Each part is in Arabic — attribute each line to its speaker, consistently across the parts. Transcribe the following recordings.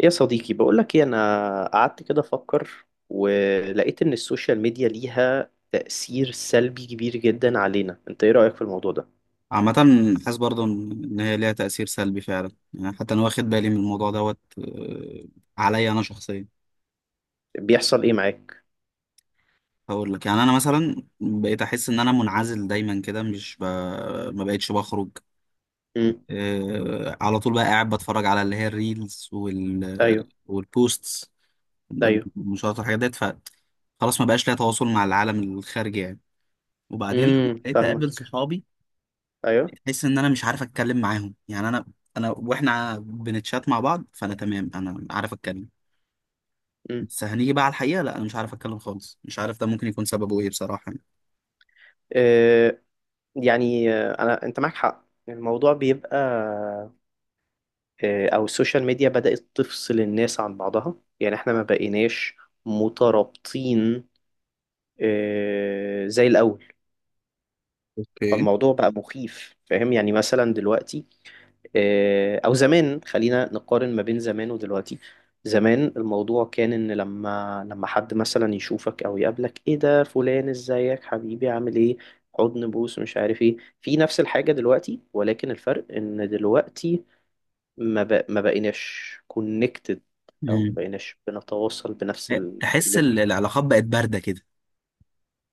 Speaker 1: يا صديقي، بقولك ايه، انا قعدت كده افكر ولقيت ان السوشيال ميديا ليها تأثير سلبي كبير جدا علينا. انت ايه رأيك في الموضوع ده؟
Speaker 2: عامة، حاسس برضه إن هي ليها تأثير سلبي فعلا، يعني حتى أنا واخد بالي من الموضوع دوت، عليا أنا شخصيا.
Speaker 1: بيحصل ايه معاك؟
Speaker 2: هقول لك، يعني أنا مثلا بقيت أحس إن أنا منعزل دايما كده. مش ب... ما بقتش بخرج.
Speaker 1: امم.
Speaker 2: على طول بقى قاعد بتفرج على اللي هي الريلز
Speaker 1: ايوه.
Speaker 2: والبوستس،
Speaker 1: ايوه.
Speaker 2: المشاهدات والحاجات ديت. ف خلاص ما بقاش ليا تواصل مع العالم الخارجي يعني. وبعدين لما
Speaker 1: امم،
Speaker 2: بقيت أقابل
Speaker 1: فاهمك.
Speaker 2: صحابي،
Speaker 1: ايوه.
Speaker 2: بحس ان انا مش عارف اتكلم معاهم. يعني انا واحنا بنتشات مع بعض فانا تمام، انا عارف اتكلم.
Speaker 1: امم.
Speaker 2: بس هنيجي بقى على الحقيقه لا انا مش عارف اتكلم خالص، مش عارف ده ممكن يكون سببه ايه بصراحه يعني.
Speaker 1: آه. يعني انا انت معاك حق، الموضوع بيبقى او السوشيال ميديا بدأت تفصل الناس عن بعضها. يعني احنا ما بقيناش مترابطين زي الاول.
Speaker 2: اوكي.
Speaker 1: فالموضوع بقى مخيف، فاهم؟ يعني مثلا دلوقتي، او زمان، خلينا نقارن ما بين زمان ودلوقتي. زمان الموضوع كان ان لما حد مثلا يشوفك او يقابلك، ايه ده فلان، ازيك حبيبي، عامل ايه؟ حضن، بوس، مش عارف ايه، في نفس الحاجة دلوقتي، ولكن الفرق ان دلوقتي ما بقيناش كونكتد، او ما
Speaker 2: مم.
Speaker 1: بقيناش بنتواصل بنفس
Speaker 2: تحس
Speaker 1: الليفل.
Speaker 2: العلاقات بقت بارده كده.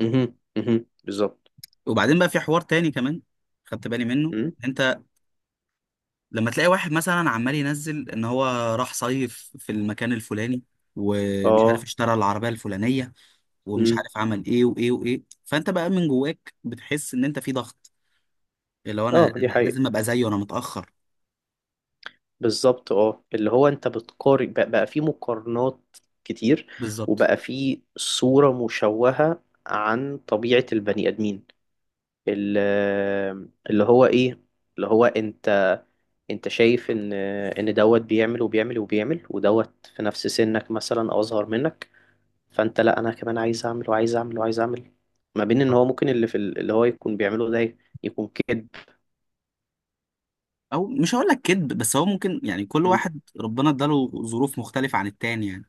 Speaker 1: مهم. مهم. بالظبط.
Speaker 2: وبعدين بقى في حوار تاني كمان خدت بالي منه.
Speaker 1: مم.
Speaker 2: انت لما تلاقي واحد مثلا عمال ينزل ان هو راح صيف في المكان الفلاني، ومش عارف
Speaker 1: اه.
Speaker 2: اشترى العربيه الفلانيه، ومش
Speaker 1: مم.
Speaker 2: عارف عمل ايه وايه وايه، فانت بقى من جواك بتحس ان انت في ضغط اللي هو انا،
Speaker 1: اه، دي
Speaker 2: أنا
Speaker 1: حقيقة.
Speaker 2: لازم ابقى زيه، انا متاخر.
Speaker 1: بالظبط اه، اللي هو انت بتقارن، بقى في مقارنات كتير.
Speaker 2: بالظبط،
Speaker 1: وبقى في صورة مشوهة عن طبيعة البني آدمين. ال- اللي هو ايه، اللي هو انت، انت شايف ان ان دوت بيعمل وبيعمل وبيعمل، ودوت في نفس سنك مثلا او اصغر منك. فانت لا، انا كمان عايز اعمل وعايز اعمل وعايز اعمل. ما بين ان
Speaker 2: بالظبط.
Speaker 1: هو ممكن اللي هو يكون بيعمله ده يكون كده.
Speaker 2: او مش هقول لك كذب، بس هو ممكن، يعني كل واحد ربنا اداله ظروف مختلفه عن التاني يعني.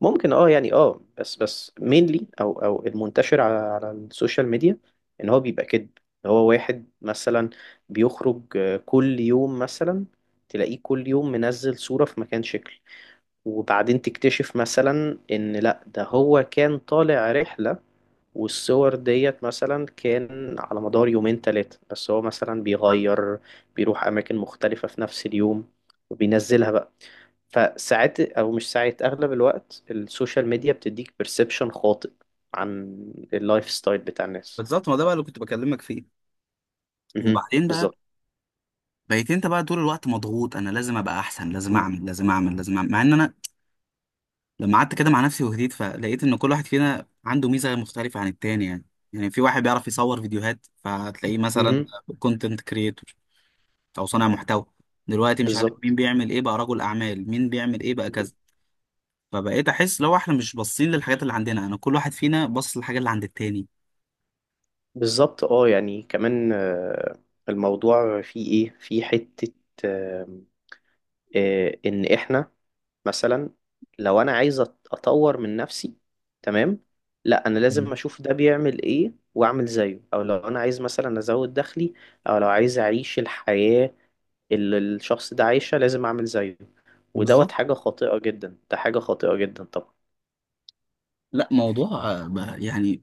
Speaker 1: ممكن اه، يعني اه، بس مينلي، او المنتشر على السوشيال ميديا ان هو بيبقى كده. هو واحد مثلا بيخرج كل يوم مثلا، تلاقيه كل يوم منزل صورة في مكان شكل. وبعدين تكتشف مثلا ان لا، ده هو كان طالع رحلة، والصور ديت مثلا كان على مدار يومين تلاتة، بس هو مثلا بيغير، بيروح أماكن مختلفة في نفس اليوم وبينزلها بقى. فساعات، او مش ساعات، اغلب الوقت السوشيال ميديا بتديك بيرسبشن خاطئ عن اللايف ستايل بتاع الناس.
Speaker 2: بالظبط، ما ده بقى اللي كنت بكلمك فيه.
Speaker 1: مهم.
Speaker 2: وبعدين بقى
Speaker 1: بالظبط.
Speaker 2: بقيت انت بقى طول الوقت مضغوط، انا لازم ابقى احسن، لازم
Speaker 1: مم.
Speaker 2: اعمل، لازم اعمل، لازم اعمل، مع ان انا لما قعدت كده مع نفسي وهديت فلقيت ان كل واحد فينا عنده ميزه مختلفه عن التاني يعني. يعني في واحد بيعرف يصور فيديوهات فهتلاقيه مثلا
Speaker 1: مهم.
Speaker 2: كونتنت كريتور، او صانع محتوى. دلوقتي مش عارف مين
Speaker 1: بالظبط.
Speaker 2: بيعمل ايه بقى رجل اعمال، مين بيعمل ايه بقى كذا.
Speaker 1: مهم.
Speaker 2: فبقيت احس لو احنا مش باصين للحاجات اللي عندنا، انا كل واحد فينا باص للحاجه اللي عند التاني.
Speaker 1: بالظبط اه، يعني كمان الموضوع فيه ايه، في حتة، آه، ان احنا مثلا لو انا عايز اطور من نفسي، تمام، لا انا لازم
Speaker 2: مم.
Speaker 1: اشوف ده بيعمل ايه واعمل زيه. او لو انا عايز مثلا ازود دخلي، او لو عايز اعيش الحياة اللي الشخص ده عايشها، لازم اعمل زيه. ودوت
Speaker 2: بالظبط.
Speaker 1: حاجة خاطئة جدا، ده حاجة خاطئة جدا طبعا.
Speaker 2: لا موضوع بقى، يعني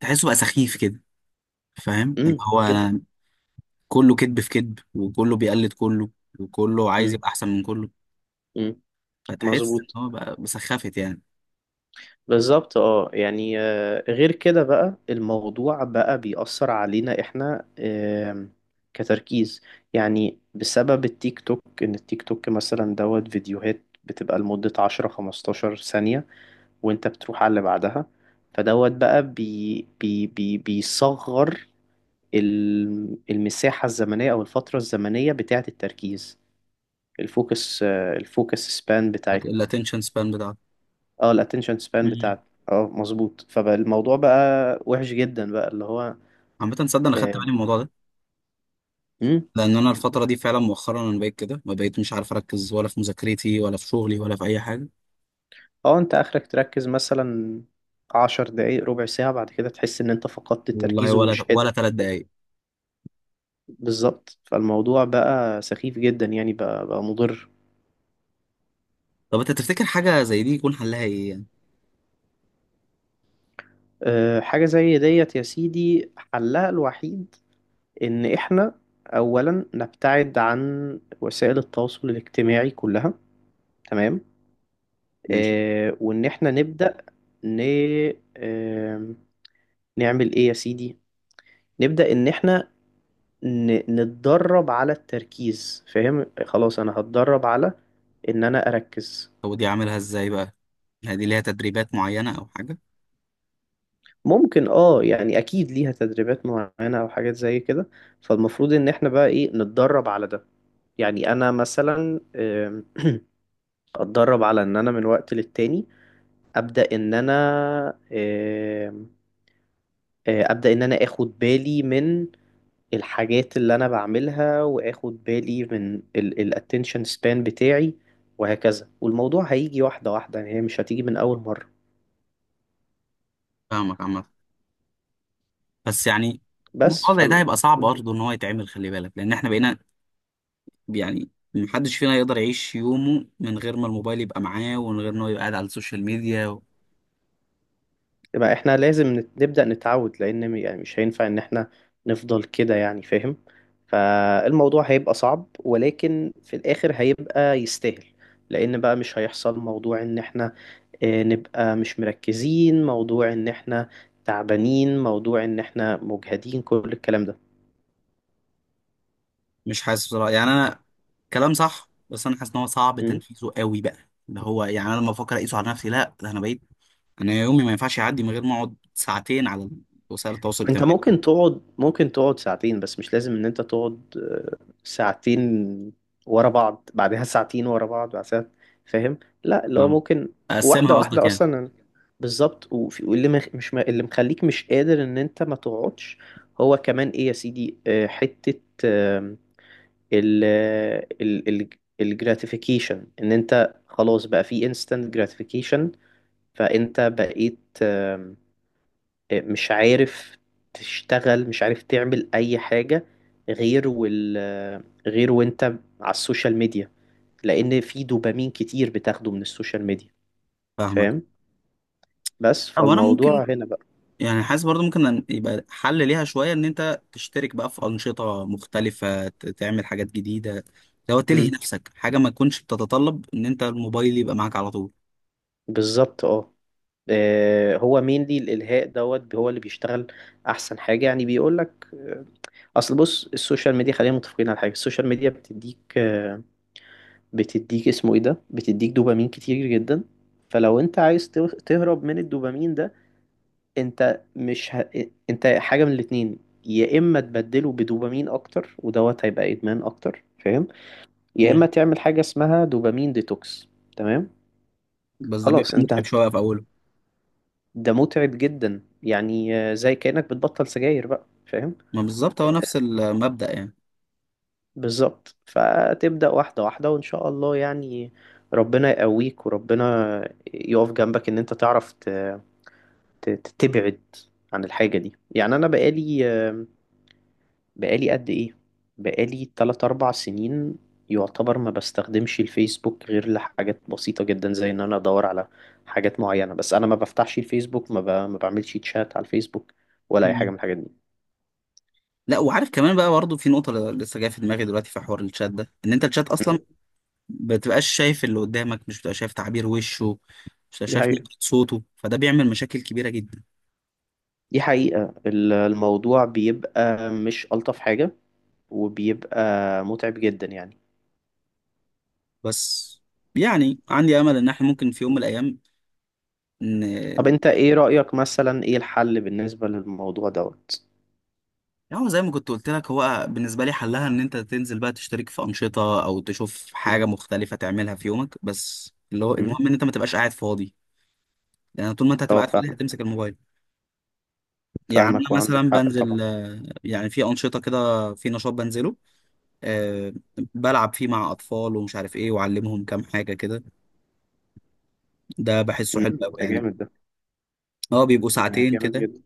Speaker 2: تحسه بقى سخيف كده. فاهم اللي هو
Speaker 1: جدا.
Speaker 2: انا، كله كذب في كذب، وكله بيقلد كله، وكله عايز
Speaker 1: امم.
Speaker 2: يبقى احسن من كله.
Speaker 1: امم.
Speaker 2: فتحس
Speaker 1: مظبوط.
Speaker 2: ان هو بقى بسخافت يعني.
Speaker 1: بالظبط اه، يعني غير كده بقى الموضوع بقى بيأثر علينا احنا كتركيز. يعني بسبب التيك توك، ان التيك توك مثلا دوت فيديوهات بتبقى لمدة 10 15 ثانية وانت بتروح على اللي بعدها. فدوت بقى بي بي بي بيصغر المساحة الزمنية أو الفترة الزمنية بتاعة التركيز، الفوكس سبان بتاعتنا.
Speaker 2: الاتنشن سبان بتاعته.
Speaker 1: اه، الاتنشن سبان
Speaker 2: مم.
Speaker 1: بتاعتنا، اه مظبوط. فالموضوع بقى وحش جدا بقى، اللي هو
Speaker 2: عامة تصدق انا خدت
Speaker 1: اه.
Speaker 2: بالي من الموضوع ده،
Speaker 1: مم.
Speaker 2: لان انا الفترة دي فعلا مؤخرا انا بقيت كده، ما بقيت مش عارف اركز ولا في مذاكرتي ولا في شغلي ولا في اي حاجة.
Speaker 1: انت اخرك تركز مثلا عشر دقايق، ربع ساعة، بعد كده تحس ان انت فقدت
Speaker 2: والله
Speaker 1: التركيز
Speaker 2: ولا
Speaker 1: ومش قادر
Speaker 2: ولا ثلاث
Speaker 1: تركز.
Speaker 2: دقايق
Speaker 1: بالظبط، فالموضوع بقى سخيف جدا يعني، بقى مضر.
Speaker 2: طب انت تفتكر حاجة زي دي يكون حلها ايه يعني؟
Speaker 1: أه، حاجة زي ديت يا سيدي حلها الوحيد إن إحنا أولا نبتعد عن وسائل التواصل الاجتماعي كلها، تمام.
Speaker 2: ماشي.
Speaker 1: آه، وإن إحنا نبدأ ن... آه نعمل إيه يا سيدي، نبدأ إن إحنا نتدرب على التركيز. فاهم؟ خلاص أنا هتدرب على إن أنا أركز.
Speaker 2: هو دي عاملها ازاي بقى؟ هل دي ليها تدريبات معينة او حاجة؟
Speaker 1: ممكن اه، يعني اكيد ليها تدريبات معينة او حاجات زي كده. فالمفروض ان احنا بقى ايه، نتدرب على ده. يعني انا مثلا اتدرب على ان انا من وقت للتاني ابدا ان انا آم، آه، ابدا ان انا اخد بالي من الحاجات اللي انا بعملها، واخد بالي من الاتنشن سبان بتاعي. وهكذا، والموضوع هيجي واحده واحده، يعني هي مش هتيجي من اول مره.
Speaker 2: فاهمك. عامة بس يعني
Speaker 1: بس
Speaker 2: الموضوع
Speaker 1: ف،
Speaker 2: زي ده هيبقى صعب برضه ان هو يتعمل، خلي بالك لان احنا بقينا، يعني محدش فينا يقدر يعيش يومه من غير ما الموبايل يبقى معاه، ومن غير ان هو يبقى قاعد على السوشيال ميديا و...
Speaker 1: يبقى احنا لازم نبدا نتعود، لان يعني مش هينفع ان احنا نفضل كده يعني، فاهم؟ فالموضوع هيبقى صعب، ولكن في الاخر هيبقى يستاهل. لان بقى مش هيحصل موضوع ان احنا نبقى مش مركزين، موضوع ان احنا تعبانين، موضوع ان احنا مجهدين، كل الكلام ده.
Speaker 2: مش حاسس بصراحة، يعني انا كلام صح بس انا حاسس ان هو صعب
Speaker 1: مم.
Speaker 2: تنفيذه قوي بقى. اللي هو يعني انا لما افكر اقيسه على نفسي، لا ده انا بقيت، انا يومي ما ينفعش يعدي من غير ما اقعد ساعتين على وسائل التواصل
Speaker 1: انت
Speaker 2: الاجتماعي.
Speaker 1: ممكن تقعد، ممكن تقعد ساعتين، بس مش لازم ان انت تقعد ساعتين ورا بعض، بعدها ساعتين ورا بعض، بعدها، فاهم؟ لا، اللي هو
Speaker 2: فاهم؟
Speaker 1: ممكن واحدة
Speaker 2: اقسمها قصدك
Speaker 1: واحدة
Speaker 2: يعني؟
Speaker 1: اصلا. بالظبط. وفي- واللي مخ- مش م- اللي مخليك مش قادر ان انت ما تقعدش هو كمان ايه يا سيدي، حتة ال ال ال الجراتيفيكيشن، ان انت خلاص بقى في instant gratification. فانت بقيت آم، آه، مش عارف تشتغل، مش عارف تعمل اي حاجة غير وال آه، غير وانت على السوشيال ميديا، لان في دوبامين كتير بتاخده من السوشيال ميديا.
Speaker 2: فاهمك.
Speaker 1: فاهم؟ بس
Speaker 2: هو انا ممكن،
Speaker 1: فالموضوع هنا بقى.
Speaker 2: يعني حاسس برضو ممكن يبقى حل ليها شويه، ان انت تشترك بقى في انشطه مختلفه، تعمل حاجات جديده. لو تلهي
Speaker 1: امم.
Speaker 2: نفسك حاجه ما تكونش بتتطلب ان انت الموبايل يبقى معاك على طول.
Speaker 1: بالظبط اه. هو مين دي الالهاء دوت، هو اللي بيشتغل احسن حاجة يعني، بيقولك اصل بص، السوشيال ميديا خلينا متفقين على حاجه، السوشيال ميديا بتديك اسمه ايه ده، بتديك دوبامين كتير جدا. فلو انت عايز تهرب من الدوبامين ده، انت مش ه... انت حاجه من الاتنين. يا اما تبدله بدوبامين اكتر ودوت هيبقى ادمان اكتر، فاهم؟ يا اما
Speaker 2: مم.
Speaker 1: تعمل حاجه اسمها دوبامين ديتوكس. تمام.
Speaker 2: بس ده بيبقى
Speaker 1: خلاص انت
Speaker 2: متعب
Speaker 1: هت...
Speaker 2: شويه في اوله.
Speaker 1: ده متعب جدا يعني، زي كانك بتبطل سجاير بقى، فاهم؟
Speaker 2: ما بالظبط، هو نفس المبدا يعني.
Speaker 1: بالظبط، فتبدأ واحدة واحدة وإن شاء الله يعني، ربنا يقويك وربنا يقف جنبك إن أنت تعرف ت- تبعد عن الحاجة دي يعني. أنا بقالي، قد إيه، بقالي 3 أربع سنين، يعتبر ما بستخدمش الفيسبوك غير لحاجات بسيطة جدا زي إن أنا أدور على حاجات معينة. بس أنا ما بفتحش الفيسبوك، ما بعملش تشات على الفيسبوك ولا أي حاجة
Speaker 2: مم.
Speaker 1: من الحاجات دي.
Speaker 2: لا وعارف كمان بقى برضو في نقطه لسه جايه في دماغي دلوقتي، في حوار الشات ده ان انت الشات اصلا
Speaker 1: م؟
Speaker 2: بتبقاش شايف اللي قدامك، مش بتبقى شايف تعبير وشه، مش بتبقى
Speaker 1: دي
Speaker 2: شايف
Speaker 1: حقيقة.
Speaker 2: نبرة صوته، فده بيعمل مشاكل كبيره جدا.
Speaker 1: دي حقيقة، الموضوع بيبقى مش ألطف حاجة، وبيبقى متعب جدا يعني.
Speaker 2: بس يعني عندي امل ان احنا ممكن في يوم من الايام.
Speaker 1: طب
Speaker 2: ان
Speaker 1: انت ايه رأيك مثلا، ايه الحل بالنسبة للموضوع دوت؟
Speaker 2: هو زي ما كنت قلت لك، هو بالنسبه لي حلها ان انت تنزل بقى تشترك في انشطه او تشوف حاجه
Speaker 1: مم.
Speaker 2: مختلفه تعملها في يومك، بس اللي هو
Speaker 1: مم.
Speaker 2: المهم ان انت ما تبقاش قاعد فاضي. لان طول ما انت
Speaker 1: اه،
Speaker 2: هتبقى قاعد فاضي
Speaker 1: فاهم.
Speaker 2: هتمسك الموبايل. يعني
Speaker 1: فاهمك
Speaker 2: انا
Speaker 1: وعندك
Speaker 2: مثلا
Speaker 1: حق
Speaker 2: بنزل،
Speaker 1: طبعا.
Speaker 2: يعني في انشطه كده، في نشاط بنزله، أه بلعب فيه مع اطفال ومش عارف ايه، واعلمهم كام حاجه كده. ده بحسه
Speaker 1: مم.
Speaker 2: حلو قوي
Speaker 1: ده
Speaker 2: يعني.
Speaker 1: جامد، ده.
Speaker 2: اه بيبقوا
Speaker 1: ده
Speaker 2: ساعتين
Speaker 1: جامد
Speaker 2: كده.
Speaker 1: جدا.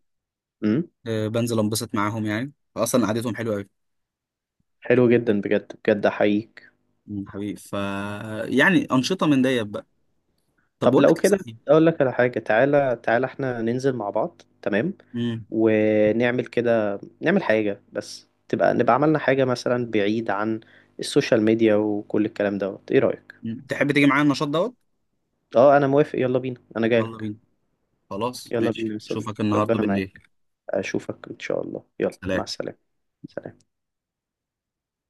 Speaker 1: مم.
Speaker 2: أه بنزل انبسط معاهم، يعني اصلا قعدتهم حلوه قوي.
Speaker 1: حلو جدا، بجد بجد احييك.
Speaker 2: مم، حبيبي. ف يعني أنشطة من ديت بقى. طب
Speaker 1: طب
Speaker 2: بقول لك
Speaker 1: لو
Speaker 2: إيه
Speaker 1: كده
Speaker 2: صحيح.
Speaker 1: اقول لك على حاجة، تعالى تعالى احنا ننزل مع بعض، تمام.
Speaker 2: مم.
Speaker 1: ونعمل كده، نعمل حاجة بس تبقى نبقى عملنا حاجة مثلا بعيد عن السوشيال ميديا وكل الكلام دوت، ايه رأيك؟
Speaker 2: مم. تحب تيجي معايا النشاط دوت؟
Speaker 1: اه انا موافق، يلا بينا، انا جاي.
Speaker 2: يلا بينا. خلاص
Speaker 1: يلا
Speaker 2: ماشي،
Speaker 1: بينا يا
Speaker 2: اشوفك
Speaker 1: صديقي،
Speaker 2: النهارده
Speaker 1: ربنا
Speaker 2: بالليل.
Speaker 1: معاك. أشوفك إن شاء الله، يلا مع
Speaker 2: سلام
Speaker 1: السلامة. سلام.